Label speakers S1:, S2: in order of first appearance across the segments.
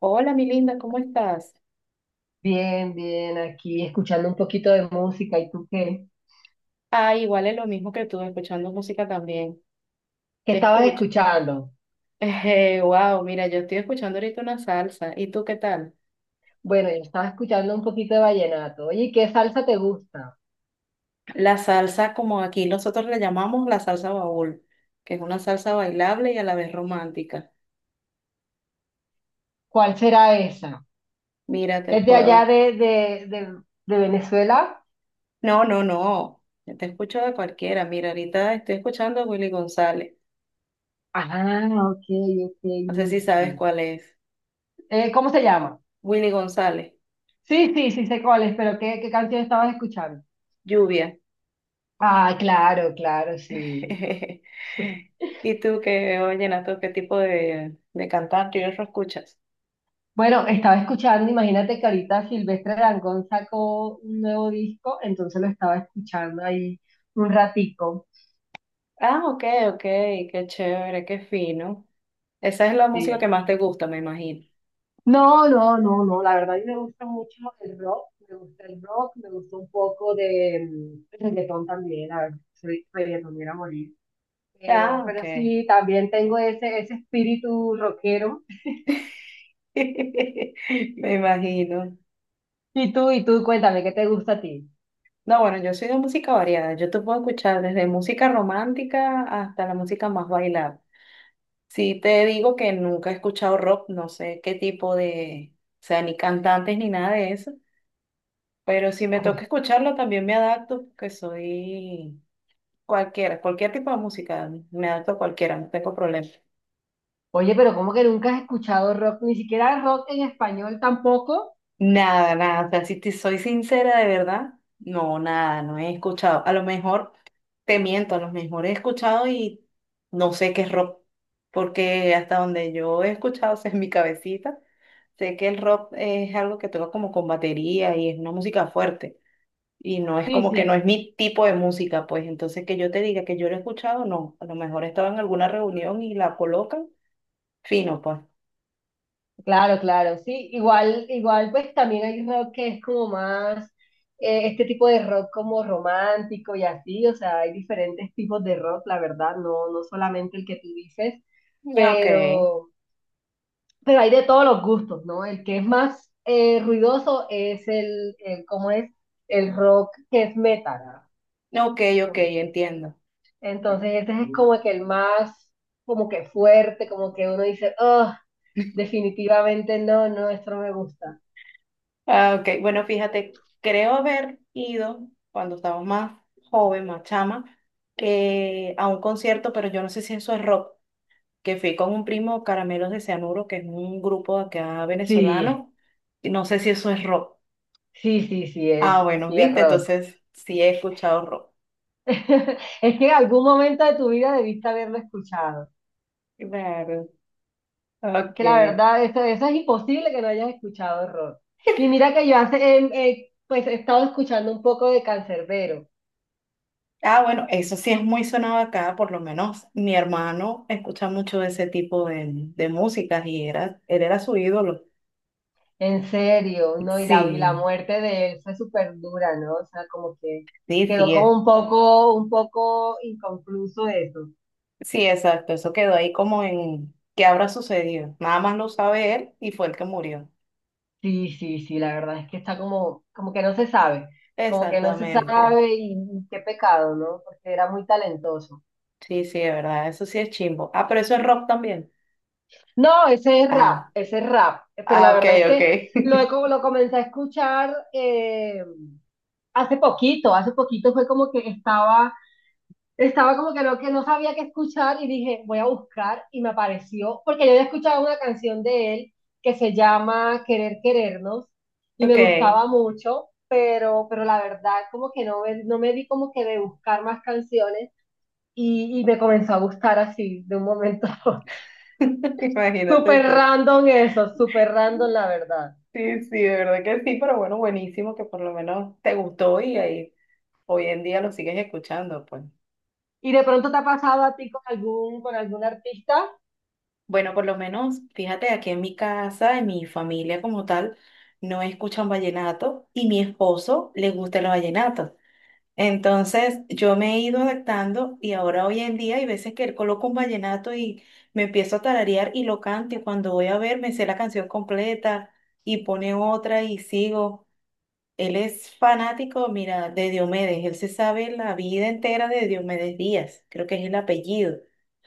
S1: Hola, mi linda, ¿cómo estás?
S2: Bien, bien, aquí escuchando un poquito de música. ¿Y tú qué?
S1: Ah, igual es lo mismo que tú, escuchando música también.
S2: ¿Qué
S1: Te
S2: estabas
S1: escucho.
S2: escuchando?
S1: Wow, mira, yo estoy escuchando ahorita una salsa. ¿Y tú qué tal?
S2: Bueno, yo estaba escuchando un poquito de vallenato. Oye, ¿qué salsa te gusta?
S1: La salsa, como aquí nosotros la llamamos la salsa baúl, que es una salsa bailable y a la vez romántica.
S2: ¿Cuál será esa?
S1: Mira, te
S2: ¿Es de allá
S1: puedo.
S2: de Venezuela?
S1: No, no, no. Te escucho de cualquiera. Mira, ahorita estoy escuchando a Willy González.
S2: Ah, ok, ok.
S1: No sé si
S2: Mira,
S1: sabes
S2: mira.
S1: cuál es.
S2: ¿Cómo se llama?
S1: Willy González,
S2: Sí, sí, sí sé cuál es, pero ¿qué canción estabas escuchando?
S1: Lluvia.
S2: Ah, claro, claro, sí.
S1: ¿Y tú qué, oye, vallenato, qué tipo de cantante y eso escuchas?
S2: Bueno, estaba escuchando, imagínate que ahorita Silvestre Dangond sacó un nuevo disco, entonces lo estaba escuchando ahí un ratico.
S1: Ah, ok, ok, qué chévere, qué fino. Esa es la música
S2: Sí.
S1: que más te gusta, me imagino.
S2: No, no, no, no, la verdad a mí me gusta mucho el rock, me gusta el rock, me gusta un poco de reggaetón también, la verdad, soy reggaetonera a morir. Pero,
S1: Ah,
S2: pero
S1: ok.
S2: sí, también tengo ese espíritu rockero.
S1: Me imagino.
S2: Y tú, cuéntame, ¿qué te gusta a ti?
S1: No, bueno, yo soy de música variada. Yo te puedo escuchar desde música romántica hasta la música más bailada. Sí te digo que nunca he escuchado rock, no sé qué tipo de, o sea, ni cantantes ni nada de eso. Pero si me toca escucharlo, también me adapto, porque soy cualquiera, cualquier tipo de música, me adapto a cualquiera, no tengo problema.
S2: Oye, pero ¿cómo que nunca has escuchado rock? Ni siquiera rock en español tampoco.
S1: Nada, nada, o sea, si te soy sincera de verdad, no, nada, no he escuchado. A lo mejor te miento, a lo mejor he escuchado y no sé qué es rock, porque hasta donde yo he escuchado, o sea, en mi cabecita, sé que el rock es algo que toca como con batería y es una música fuerte. Y no es
S2: Sí,
S1: como que no es
S2: sí,
S1: mi tipo de música, pues entonces que yo te diga que yo lo he escuchado, no. A lo mejor estaba en alguna reunión y la colocan, fino, pues.
S2: claro, claro, sí. Igual, igual, pues también hay rock que es como más, este tipo de rock como romántico y así, o sea, hay diferentes tipos de rock, la verdad, no, no solamente el que tú dices,
S1: Ya, Ok,
S2: pero, pero hay de todos los gustos, ¿no? El que es más ruidoso es el, ¿cómo es? El rock que es metal,
S1: ok, ok,
S2: ¿no?
S1: entiendo.
S2: Entonces, ese es como que el más, como que fuerte, como que uno dice, oh, definitivamente no, no, esto no me gusta.
S1: Ah, ok, bueno, fíjate, creo haber ido cuando estaba más joven, más chama, a un concierto, pero yo no sé si eso es rock, que fui con un primo Caramelos de Cianuro, que es un grupo de acá
S2: Sí,
S1: venezolano, y no sé si eso es rock.
S2: sí, sí,
S1: Ah, bueno,
S2: sí es
S1: viste,
S2: rock.
S1: entonces sí he escuchado rock.
S2: Es que en algún momento de tu vida debiste haberlo escuchado.
S1: Claro. Ok.
S2: Que la verdad, eso es imposible que no hayas escuchado rock. Y mira que yo hace, pues he estado escuchando un poco de Cancerbero.
S1: Ah, bueno, eso sí es muy sonado acá, por lo menos mi hermano escucha mucho de ese tipo de músicas y era, él era su ídolo.
S2: ¿En serio, no? Y la
S1: Sí,
S2: muerte de él fue súper dura, ¿no? O sea, como que
S1: sí,
S2: quedó
S1: sí, es.
S2: como un poco inconcluso eso.
S1: Sí, exacto, eso quedó ahí como en qué habrá sucedido. Nada más lo sabe él y fue el que murió.
S2: Sí, sí, sí, la verdad es que está como, como que no se sabe, como que no se
S1: Exactamente.
S2: sabe y qué pecado, ¿no? Porque era muy talentoso.
S1: Sí, sí, de verdad, eso sí es chimbo. Ah, pero eso es rock también.
S2: No,
S1: Ah,
S2: ese es rap, pero la
S1: ah, ok,
S2: verdad es
S1: ok.
S2: que lo comencé a escuchar, hace poquito fue como que estaba. Estaba como que no sabía qué escuchar y dije, voy a buscar y me apareció, porque yo había escuchado una canción de él que se llama Querer Querernos y me
S1: Ok,
S2: gustaba mucho, pero la verdad como que no me di como que de buscar más canciones y me comenzó a gustar así de un momento a otro.
S1: imagínate
S2: Súper
S1: tú.
S2: random eso, súper random la verdad.
S1: Sí, sí, de verdad que sí, pero bueno, buenísimo que por lo menos te gustó y ahí hoy en día lo sigues escuchando, pues.
S2: ¿Y de pronto te ha pasado a ti con algún artista?
S1: Bueno, por lo menos, fíjate, aquí en mi casa, en mi familia como tal, no escuchan vallenato y mi esposo le gusta el vallenato. Entonces, yo me he ido adaptando y ahora hoy en día hay veces que él coloca un vallenato y me empiezo a tararear y lo canto y cuando voy a ver me sé la canción completa y pone otra y sigo. Él es fanático, mira, de Diomedes. Él se sabe la vida entera de Diomedes Díaz. Creo que es el apellido.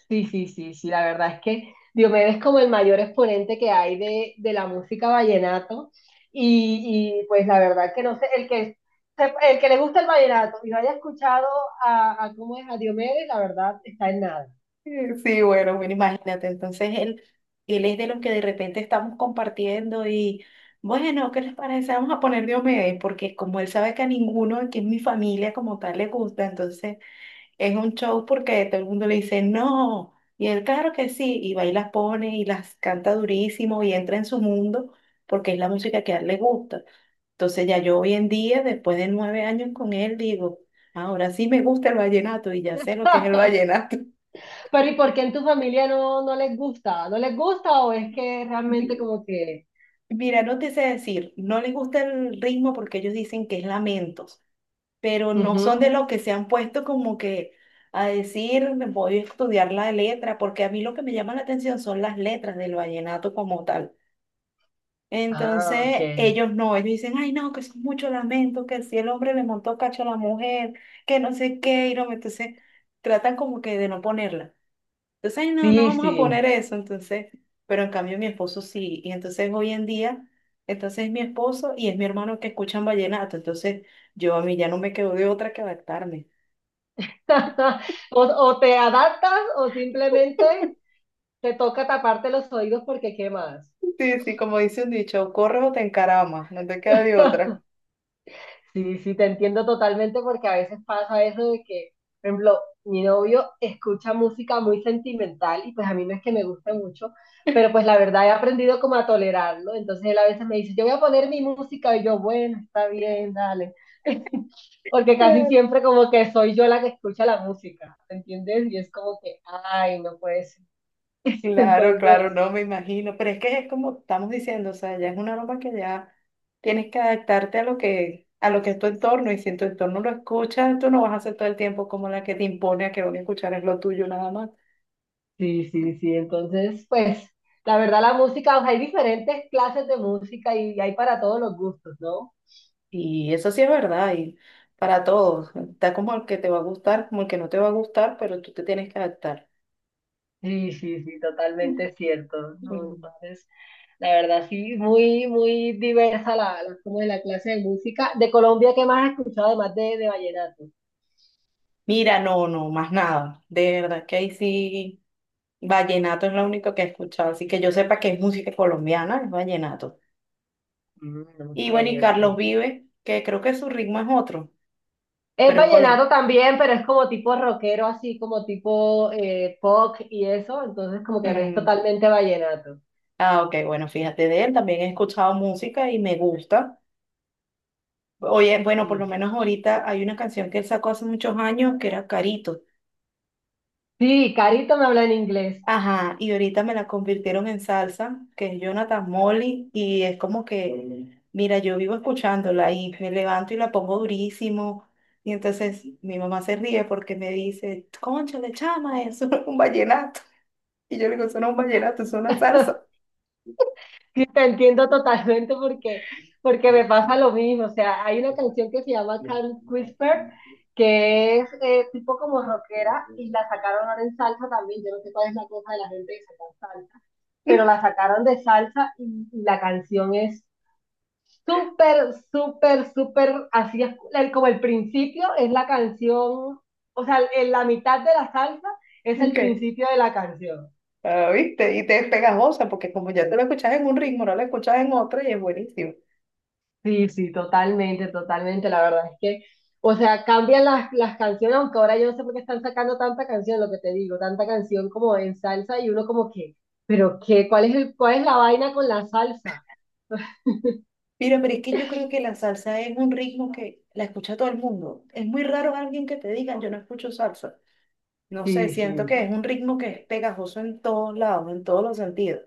S2: Sí, sí, sí, sí, la verdad es que Diomedes es como el mayor exponente que hay de la música vallenato y, pues la verdad que no sé, el que le gusta el vallenato y no haya escuchado a cómo es a Diomedes, la verdad está en nada.
S1: Sí, bueno, bueno, imagínate. Entonces él es de los que de repente estamos compartiendo y, bueno, ¿qué les parece? Vamos a poner Diomedes, porque como él sabe que a ninguno que es mi familia como tal le gusta, entonces es un show porque todo el mundo le dice no, y él claro que sí, y va y las pone y las canta durísimo y entra en su mundo porque es la música que a él le gusta. Entonces ya yo hoy en día, después de 9 años con él, digo, ahora sí me gusta el vallenato y ya sé lo que es el vallenato.
S2: Pero ¿y por qué en tu familia no, no les gusta? ¿No les gusta o es que realmente
S1: Mi-
S2: como que...
S1: Mira, no te sé decir, no les gusta el ritmo porque ellos dicen que es lamento, pero no
S2: Ujú.
S1: son de lo que se han puesto como que a decir, me voy a estudiar la letra, porque a mí lo que me llama la atención son las letras del vallenato como tal.
S2: Ah, ok.
S1: Entonces, ellos no, ellos dicen, ay, no, que eso es mucho lamento, que si el hombre le montó cacho a la mujer, que no sé qué, y no, entonces tratan como que de no ponerla. Entonces, ay, no, no
S2: Sí,
S1: vamos a
S2: sí.
S1: poner eso, entonces, pero en cambio mi esposo sí, y entonces hoy en día, entonces es mi esposo y es mi hermano que escuchan vallenato, entonces yo a mí ya no me quedo de otra que adaptarme.
S2: O, o te adaptas o simplemente te toca taparte los oídos porque ¿qué más?
S1: Sí, sí, como dice un dicho, corres o te encaramas, no te queda de otra.
S2: Sí, sí, te entiendo totalmente porque a veces pasa eso de que, por ejemplo, mi novio escucha música muy sentimental y pues a mí no es que me guste mucho, pero pues la verdad he aprendido como a tolerarlo. Entonces él a veces me dice, yo voy a poner mi música y yo, bueno, está bien, dale. Porque casi
S1: Claro.
S2: siempre como que soy yo la que escucha la música, ¿entiendes? Y es como que, ay, no puede ser.
S1: Claro,
S2: Entonces...
S1: claro, no me imagino, pero es que es como estamos diciendo, o sea, ya es una aroma que ya tienes que adaptarte a lo que es tu entorno, y si en tu entorno lo escuchas, tú no vas a ser todo el tiempo como la que te impone a que lo que escuchar es lo tuyo nada más.
S2: Sí, sí, sí. Entonces, pues, la verdad, la música, o sea, hay diferentes clases de música y hay para todos los gustos, ¿no?
S1: Y eso sí es verdad, y para todos, está como el que te va a gustar, como el que no te va a gustar, pero tú te tienes que adaptar.
S2: Sí, sí, sí,
S1: Mm.
S2: totalmente cierto, ¿no? Entonces, la verdad, sí, muy, muy diversa como es la clase de música. De Colombia, ¿qué más has escuchado además de vallenato?
S1: Mira, no, no, más nada, de verdad que ahí sí. Vallenato es lo único que he escuchado, así que yo sepa que es música colombiana, es vallenato.
S2: Mm, ok,
S1: Y bueno, y
S2: ok.
S1: Carlos Vives, que creo que su ritmo es otro,
S2: Es
S1: pero es
S2: vallenato
S1: Colombia.
S2: también, pero es como tipo rockero, así como tipo pop y eso, entonces como que no es
S1: Mm.
S2: totalmente vallenato.
S1: Ah, ok, bueno, fíjate de él, también he escuchado música y me gusta. Oye, bueno, por lo
S2: Sí.
S1: menos ahorita hay una canción que él sacó hace muchos años que era Carito.
S2: Sí, Carito me habla en inglés.
S1: Ajá, y ahorita me la convirtieron en salsa, que es Jonathan Molly, y es como que mira, yo vivo escuchándola y me levanto y la pongo durísimo. Y entonces mi mamá se ríe porque me dice, cónchale, chama, eso no es un vallenato. Y yo le digo, eso no es un vallenato, eso no es una salsa.
S2: Sí, te entiendo totalmente porque, porque me pasa lo mismo. O sea, hay una canción que se llama Can't Whisper, que es tipo como rockera y la sacaron ahora en salsa también. Yo no sé cuál es la cosa de la gente que saca salsa, pero la sacaron de salsa y la canción es súper, súper, súper, así como el principio es la canción, o sea, en la mitad de la salsa es el
S1: ¿Qué?
S2: principio de la canción.
S1: Ah, ¿viste? Y te es pegajosa porque como ya te lo escuchas en un ritmo, no la escuchas en otro y es buenísimo.
S2: Sí, sí, totalmente, totalmente. La verdad es que, o sea, cambian las canciones, aunque ahora yo no sé por qué están sacando tanta canción, lo que te digo, tanta canción como en salsa y uno como que, pero qué, ¿cuál es cuál es la vaina con la salsa?
S1: Mira, pero es que yo creo que la salsa es un ritmo que la escucha todo el mundo. Es muy raro alguien que te diga, yo no escucho salsa. No sé,
S2: Sí,
S1: siento
S2: sí,
S1: que es un ritmo que es pegajoso en todos lados, en todos los sentidos.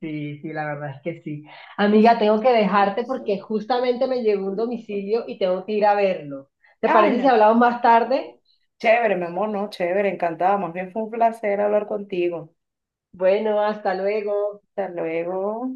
S2: sí, sí, la verdad es que sí. Amiga, tengo que dejarte porque justamente me llegó un domicilio y tengo que ir a verlo. ¿Te
S1: Ay,
S2: parece si
S1: no.
S2: hablamos más tarde?
S1: Chévere, mi amor, no, chévere, encantada. Más bien fue un placer hablar contigo.
S2: Bueno, hasta luego.
S1: Hasta luego.